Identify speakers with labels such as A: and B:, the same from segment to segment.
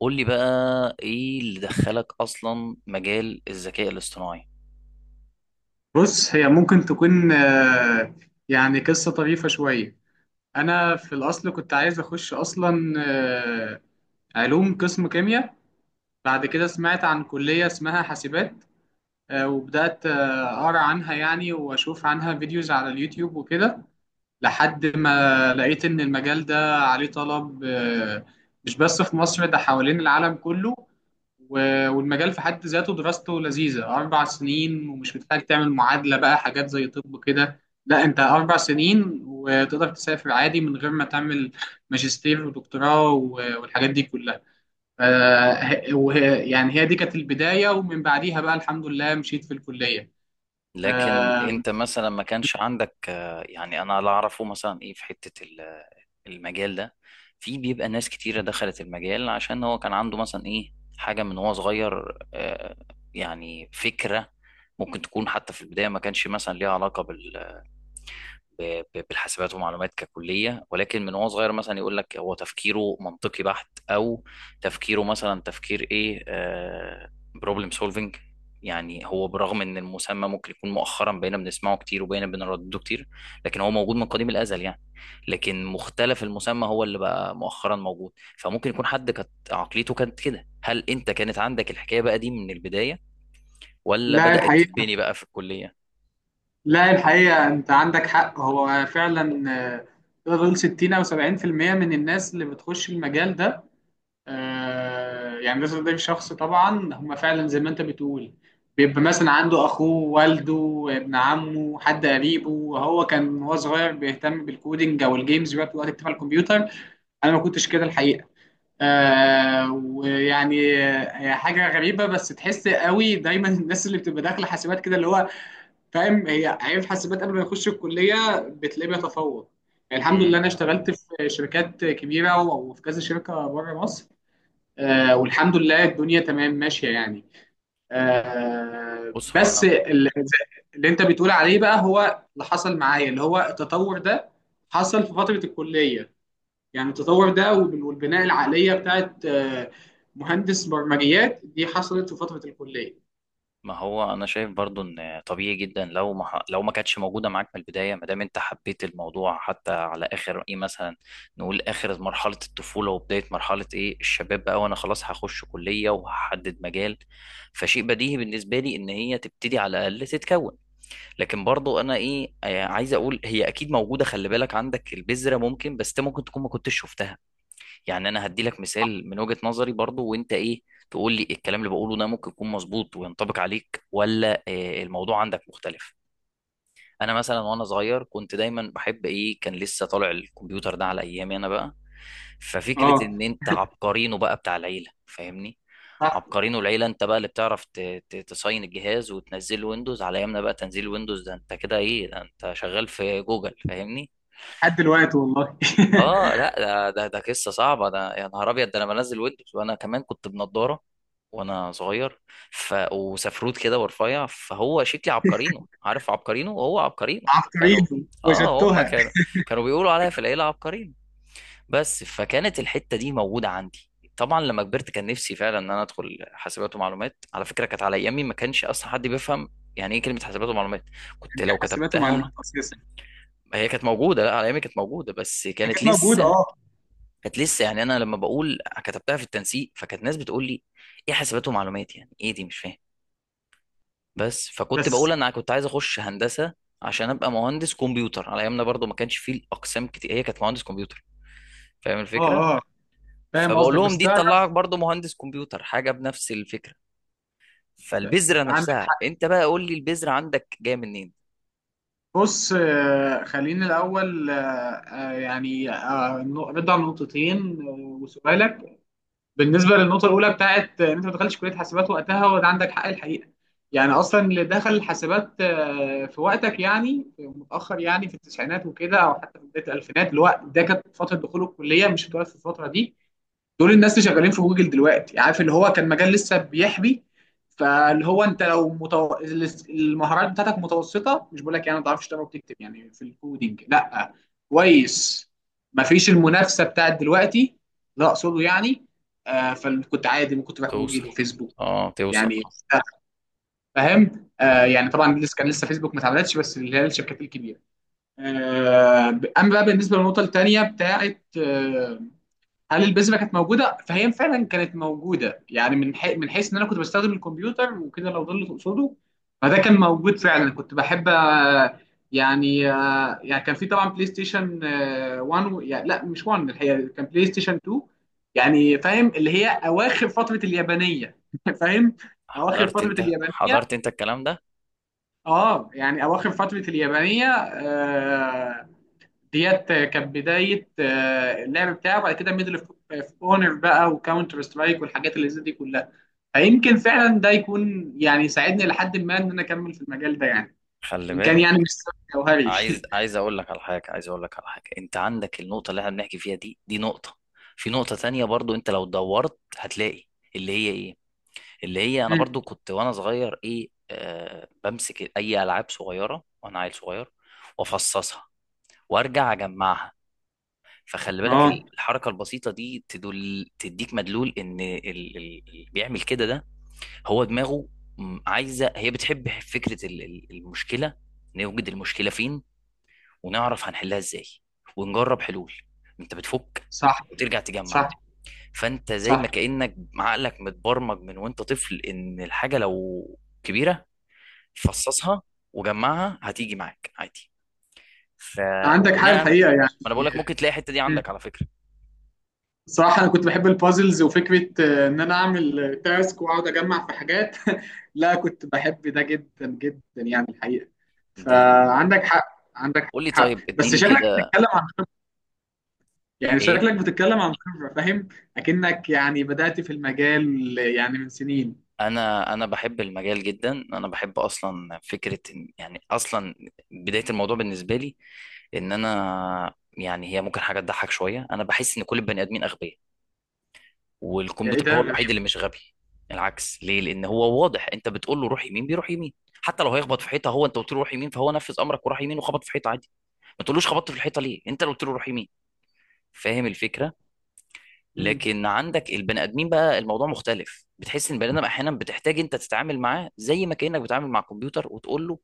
A: قول لي بقى، ايه اللي دخلك اصلا مجال الذكاء الاصطناعي؟
B: بص، هي ممكن تكون يعني قصة طريفة شوية. أنا في الأصل كنت عايز أخش أصلا، علوم، قسم كيمياء. بعد كده سمعت عن كلية اسمها حاسبات، وبدأت أقرأ عنها، يعني وأشوف عنها فيديوز على اليوتيوب وكده، لحد ما لقيت إن المجال ده عليه طلب، مش بس في مصر، ده حوالين العالم كله. والمجال في حد ذاته دراسته لذيذة، 4 سنين، ومش محتاج تعمل معادلة بقى حاجات زي طب كده. لا، أنت 4 سنين وتقدر تسافر عادي من غير ما تعمل ماجستير ودكتوراه والحاجات دي كلها. ف- يعني هي دي كانت البداية، ومن بعديها بقى الحمد لله مشيت في الكلية.
A: لكن
B: آه،
A: انت مثلا ما كانش عندك يعني انا لا اعرفه مثلا ايه في حتة المجال ده. في بيبقى ناس كتيرة دخلت المجال عشان هو كان عنده مثلا ايه حاجة من هو صغير، يعني فكرة ممكن تكون حتى في البداية ما كانش مثلا ليها علاقة بالحاسبات ومعلومات ككلية، ولكن من وهو صغير مثلا يقول لك هو تفكيره منطقي بحت أو تفكيره مثلا تفكير إيه؟ بروبلم سولفنج. يعني هو برغم ان المسمى ممكن يكون مؤخرا بقينا بنسمعه كتير وبقينا بنردده كتير، لكن هو موجود من قديم الازل يعني. لكن مختلف، المسمى هو اللي بقى مؤخرا موجود. فممكن يكون حد كانت عقليته كانت كده. هل انت كانت عندك الحكايه بقى دي من البدايه ولا
B: لا
A: بدات
B: الحقيقة،
A: تتبني بقى في الكليه؟
B: لا الحقيقة، أنت عندك حق. هو فعلا، تقدر تقول 60 أو 70% من الناس اللي بتخش المجال ده، يعني ده تقدير شخص. طبعا هم فعلا زي ما أنت بتقول بيبقى مثلا عنده أخوه، والده، ابن عمه، حد قريبه، وهو كان وهو صغير بيهتم بالكودينج أو الجيمز، بيقعد وقت يكتب على الكمبيوتر. أنا ما كنتش كده الحقيقة. ويعني، هي حاجة غريبة، بس تحس قوي دايما الناس اللي بتبقى داخلة حاسبات كده، اللي هو فاهم هي عيب حاسبات قبل ما يخش الكليه بتلاقيه بيتفوق. يعني الحمد
A: امم.
B: لله، انا اشتغلت في شركات كبيره وفي كذا شركه بره مصر. والحمد لله الدنيا تمام ماشيه يعني.
A: بص هو
B: بس
A: انا،
B: اللي انت بتقول عليه بقى، هو اللي حصل معايا، اللي هو التطور ده حصل في فتره الكليه. يعني التطور ده والبناء، العقليه بتاعت مهندس برمجيات، دي حصلت في فتره الكليه.
A: ما هو انا شايف برضو ان طبيعي جدا لو ما ح- لو ما كانتش موجوده معاك من البدايه، ما دام انت حبيت الموضوع حتى على اخر ايه مثلا، نقول اخر مرحله الطفوله وبدايه مرحله ايه الشباب بقى، وانا خلاص هخش كليه وهحدد مجال. فشيء بديهي بالنسبه لي ان هي تبتدي على الاقل تتكون. لكن برضو انا ايه، عايز اقول هي اكيد موجوده. خلي بالك عندك البذره ممكن، بس انت ممكن تكون ما كنتش شفتها. يعني انا هدي لك مثال من وجهة نظري برضو، وانت ايه تقول لي الكلام اللي بقوله ده ممكن يكون مظبوط وينطبق عليك، ولا الموضوع عندك مختلف. انا مثلا وانا صغير كنت دايما بحب ايه، كان لسه طالع الكمبيوتر ده على ايامي انا بقى. ففكرة
B: اه،
A: ان انت عبقرينه بقى بتاع العيلة، فاهمني؟
B: صح.
A: عبقرينه العيلة انت بقى، اللي بتعرف تصين الجهاز وتنزل ويندوز. على ايامنا بقى تنزيل ويندوز ده انت كده ايه، ده انت شغال في جوجل، فاهمني؟
B: لحد دلوقتي والله.
A: اه لا، ده قصه صعبه ده، يا نهار ابيض، ده انا بنزل ويندوز وانا كمان كنت بنضاره وانا صغير. ف وسفروت كده ورفيع، فهو شكلي عبقرينو، عارف عبقرينو؟ هو عبقرينو. كانوا،
B: عبقريين
A: اه هم
B: وجدتها.
A: كانوا، بيقولوا عليا في العيله عبقرينو بس. فكانت الحته دي موجوده عندي. طبعا لما كبرت كان نفسي فعلا ان انا ادخل حاسبات ومعلومات. على فكره كانت على ايامي ما كانش اصلا حد بيفهم يعني ايه كلمه حاسبات ومعلومات. كنت
B: يعني
A: لو
B: حاسبات ومعلومات
A: كتبتها،
B: اساسا
A: هي كانت موجوده، لا على ايامي كانت موجوده بس
B: هي
A: كانت
B: كانت موجوده،
A: لسه،
B: اه.
A: كانت لسه يعني. انا لما بقول كتبتها في التنسيق، فكانت ناس بتقول لي ايه حاسبات ومعلومات؟ يعني ايه دي؟ مش فاهم. بس فكنت
B: بس
A: بقول انا كنت عايز اخش هندسه عشان ابقى مهندس كمبيوتر. على ايامنا برضو ما كانش فيه الاقسام كتير، هي كانت مهندس كمبيوتر، فاهم الفكره؟
B: اه، اه، فاهم
A: فبقول
B: قصدك.
A: لهم
B: بس
A: دي
B: تعرف
A: تطلعك برضو مهندس كمبيوتر، حاجه بنفس الفكره. فالبذره
B: عندك،
A: نفسها، انت بقى قول لي البذره عندك جايه منين؟
B: بص، خليني الاول، يعني، ارد على النقطتين آه، وسؤالك. بالنسبه للنقطه الاولى بتاعت ان انت ما دخلتش كليه حاسبات وقتها، وده عندك حق الحقيقه. يعني اصلا اللي دخل الحاسبات في وقتك، يعني في متاخر، يعني في التسعينات وكده، او حتى في بدايه الالفينات، اللي هو ده كانت فتره دخول الكليه، مش هتقعد في الفتره دي. دول الناس اللي شغالين في جوجل دلوقتي، عارف، اللي هو كان مجال لسه بيحبي. فاللي هو انت لو المهارات بتاعتك متوسطه، مش بقول لك يعني ما تعرفش تقرا وتكتب يعني في الكودينج، لا، كويس. مفيش المنافسه بتاعت دلوقتي. لا، اقصده يعني. فكنت عادي ممكن تروح جوجل
A: توصل،
B: وفيسبوك،
A: اه توصل
B: يعني
A: اه.
B: فاهم.
A: مم.
B: يعني طبعا كان لسه فيسبوك ما اتعملتش، بس اللي هي الشركات الكبيره. اما بقى بالنسبه للنقطه الثانيه بتاعت هل البذره كانت موجوده، فهي فعلا كانت موجوده، يعني من حيث ان انا كنت بستخدم الكمبيوتر وكده، لو ده اللي تقصده. فده كان موجود، فعلا كنت بحب يعني، يعني كان في طبعا بلاي ستيشن، 1 يعني لا، مش 1، الحقيقه كان بلاي ستيشن 2. يعني فاهم، اللي هي اواخر فتره اليابانيه. فاهم، اواخر
A: حضرت
B: فتره
A: انت،
B: اليابانيه.
A: حضرت انت الكلام ده.
B: اه، يعني اواخر فتره اليابانيه. ديت كانت بدايه اللعب بتاعه، وبعد كده ميدل اوف اونر بقى وكاونتر سترايك والحاجات اللي زي دي كلها. فيمكن فعلا ده يكون يعني ساعدني لحد ما ان انا اكمل في المجال ده يعني،
A: خلي
B: وان كان يعني
A: بالك،
B: مش سبب جوهري.
A: عايز، عايز اقول لك على حاجه عايز اقول لك على حاجه. انت عندك النقطه اللي احنا بنحكي فيها دي، دي نقطه. في نقطه تانية برضو انت لو دورت هتلاقي، اللي هي ايه، اللي هي انا
B: مم.
A: برضو كنت وانا صغير ايه آه، بمسك اي العاب صغيره وانا عيل صغير وافصصها وارجع اجمعها. فخلي
B: اه،
A: بالك الحركه البسيطه دي تدل، تديك مدلول ان اللي بيعمل كده ده هو دماغه عايزه، هي بتحب فكره المشكله. نوجد المشكله فين ونعرف هنحلها ازاي ونجرب حلول. انت بتفك
B: صح،
A: وترجع تجمع.
B: صح،
A: فانت زي
B: صح.
A: ما كأنك عقلك متبرمج من وانت طفل ان الحاجة لو كبيرة فصصها وجمعها هتيجي معاك عادي. ف
B: عندك حق
A: وبناء ما،
B: الحقيقه يعني.
A: انا بقول لك ممكن تلاقي الحتة دي عندك على فكرة
B: صراحة أنا كنت بحب البازلز، وفكرة إن أنا أعمل تاسك وأقعد أجمع في حاجات. لا، كنت بحب ده جدا جدا يعني الحقيقة.
A: دي.
B: فعندك حق، عندك
A: قول لي
B: حق.
A: طيب،
B: بس
A: اديني
B: شكلك
A: كده
B: بتتكلم عن، يعني
A: ايه.
B: شكلك بتتكلم عن خبرة، فاهم، أكنك يعني بدأت في المجال يعني من سنين.
A: انا بحب المجال جدا، انا بحب اصلا فكرة إن- يعني اصلا بداية الموضوع بالنسبة لي، ان انا يعني هي ممكن حاجه تضحك شويه، انا بحس ان كل البني ادمين اغبياء
B: يعني إيه
A: والكمبيوتر
B: ده؟
A: هو
B: غريب.
A: الوحيد اللي مش غبي. العكس، ليه؟ لان هو واضح، انت بتقول له روح يمين بيروح يمين. حتى لو هيخبط في حيطه، هو انت قلت له روح يمين، فهو نفذ امرك وراح يمين وخبط في حيطه عادي. ما تقولوش خبطت في الحيطه ليه، انت اللي قلت له روح يمين. فاهم الفكره؟
B: مم.
A: لكن عندك البني ادمين بقى الموضوع مختلف، بتحس ان البني ادم احيانا بتحتاج انت تتعامل معاه زي ما كانك بتتعامل مع كمبيوتر وتقول له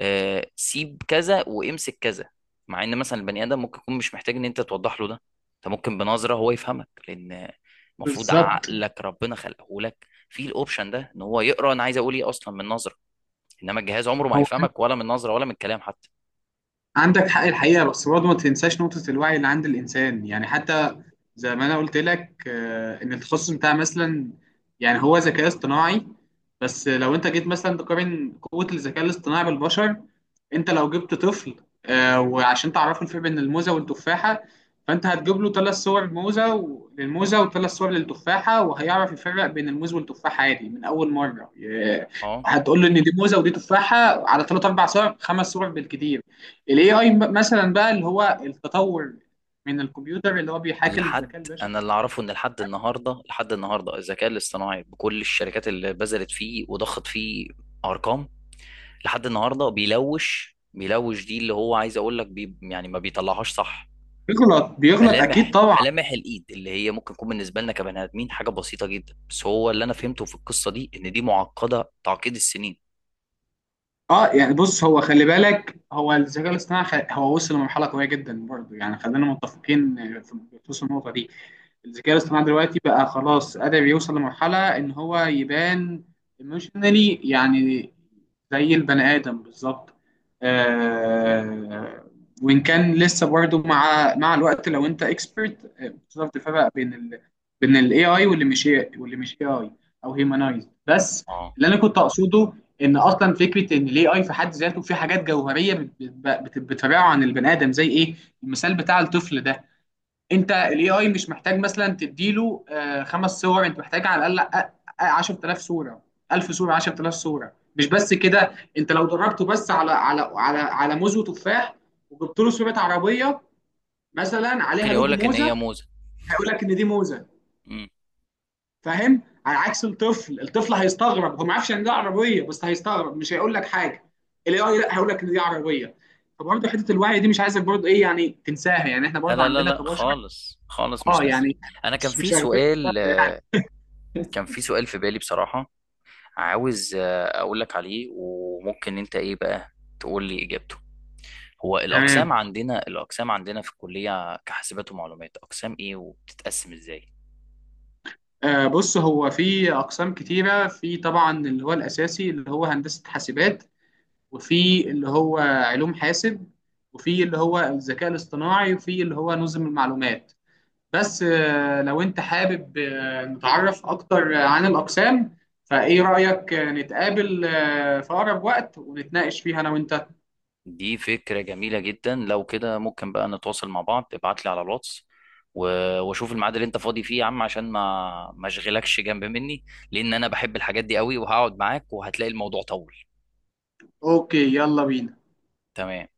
A: سيب كذا وامسك كذا. مع ان مثلا البني ادم ممكن يكون مش محتاج ان انت توضح له ده، انت ممكن بنظره هو يفهمك، لان المفروض
B: بالظبط.
A: عقلك ربنا خلقه لك في الاوبشن ده، ان هو يقرا انا عايز اقول ايه اصلا من نظره. انما الجهاز عمره ما
B: هو
A: هيفهمك، ولا من نظره ولا من كلام حتى.
B: عندك حق الحقيقة، بس برضه ما تنساش نقطة الوعي اللي عند الإنسان، يعني حتى زي ما أنا قلت لك، إن التخصص بتاع مثلا، يعني هو ذكاء اصطناعي. بس لو أنت جيت مثلا تقارن قوة الذكاء الاصطناعي بالبشر، أنت لو جبت طفل وعشان تعرفه الفرق بين الموزة والتفاحة، فأنت هتجيب له ثلاث صور موزة للموزة، وثلاث صور للتفاحة، وهيعرف يفرق بين الموز والتفاحة عادي من أول مرة.
A: اه
B: هتقول له إن دي موزة ودي تفاحة على ثلاث أربع صور، خمس صور بالكتير. الاي اي مثلا بقى، اللي هو التطور من الكمبيوتر اللي هو بيحاكي
A: لحد،
B: الذكاء البشري،
A: انا اللي اعرفه ان لحد النهارده، لحد النهارده الذكاء الاصطناعي بكل الشركات اللي بذلت فيه وضخت فيه ارقام، لحد النهارده بيلوش، بيلوش دي اللي هو عايز اقول لك، بي يعني ما بيطلعهاش صح.
B: بيغلط. بيغلط اكيد
A: ملامح،
B: طبعا.
A: ملامح الايد اللي هي ممكن تكون بالنسبه لنا كبني ادمين حاجه بسيطه جدا، بس هو اللي انا فهمته في القصه دي ان دي معقده تعقيد السنين.
B: اه، يعني بص، هو خلي بالك، هو الذكاء الاصطناعي هو وصل لمرحله قويه جدا برضه، يعني خلينا متفقين في بخصوص النقطه دي. الذكاء الاصطناعي دلوقتي بقى خلاص قادر يوصل لمرحله ان هو يبان ايموشنالي يعني، زي البني ادم بالظبط. آه وان كان لسه برضه مع الوقت، لو انت اكسبرت تقدر تفرق بين بين الاي اي واللي مش اي اي، او هيومنايز بس.
A: اه،
B: اللي انا كنت اقصده ان اصلا فكره ان الاي اي في حد ذاته في حاجات جوهريه بتفرعه عن البني ادم، زي ايه؟ المثال بتاع الطفل ده، انت الاي اي مش محتاج مثلا تديله خمس صور، انت محتاج على الاقل 10000 صوره، 1000 صوره، 10000 صوره، مش بس كده. انت لو دربته بس على موز وتفاح، وجبت له صوره عربيه مثلا
A: ممكن
B: عليها
A: يقول
B: لوجو
A: لك ان
B: موزه،
A: هي موزه.
B: هيقول لك ان دي موزه،
A: مم.
B: فاهم؟ على عكس الطفل هيستغرب، هو ما يعرفش يعني ان ده عربيه، بس هيستغرب مش هيقول لك حاجه. الاي اي لا، هيقول لك ان دي عربيه. فبرضه حته الوعي دي مش عايزك برضه ايه يعني تنساها، يعني احنا
A: لا
B: برضه
A: لا لا
B: عندنا
A: لا
B: كبشر،
A: خالص، خالص
B: اه،
A: مش
B: يعني
A: نسيب. انا كان
B: مش
A: في
B: مش أغبياء.
A: سؤال، كان في سؤال في بالي بصراحه، عاوز اقول لك عليه وممكن انت ايه بقى تقول لي اجابته. هو الاقسام
B: تمام.
A: عندنا، الاقسام عندنا في الكليه كحاسبات ومعلومات، اقسام ايه وبتتقسم ازاي؟
B: بص، هو في اقسام كتيره. في طبعا اللي هو الاساسي اللي هو هندسه حاسبات، وفي اللي هو علوم حاسب، وفي اللي هو الذكاء الاصطناعي، وفي اللي هو نظم المعلومات. بس لو انت حابب نتعرف اكتر عن الاقسام، فايه رايك نتقابل في اقرب وقت ونتناقش فيها انا وانت؟
A: دي فكرة جميلة جدا. لو كده ممكن بقى نتواصل مع بعض، ابعت لي على الواتس واشوف الميعاد اللي انت فاضي فيه يا عم، عشان ما اشغلكش جنب مني، لان انا بحب الحاجات دي قوي وهقعد معاك وهتلاقي الموضوع طول.
B: اوكي، يلا بينا.
A: تمام.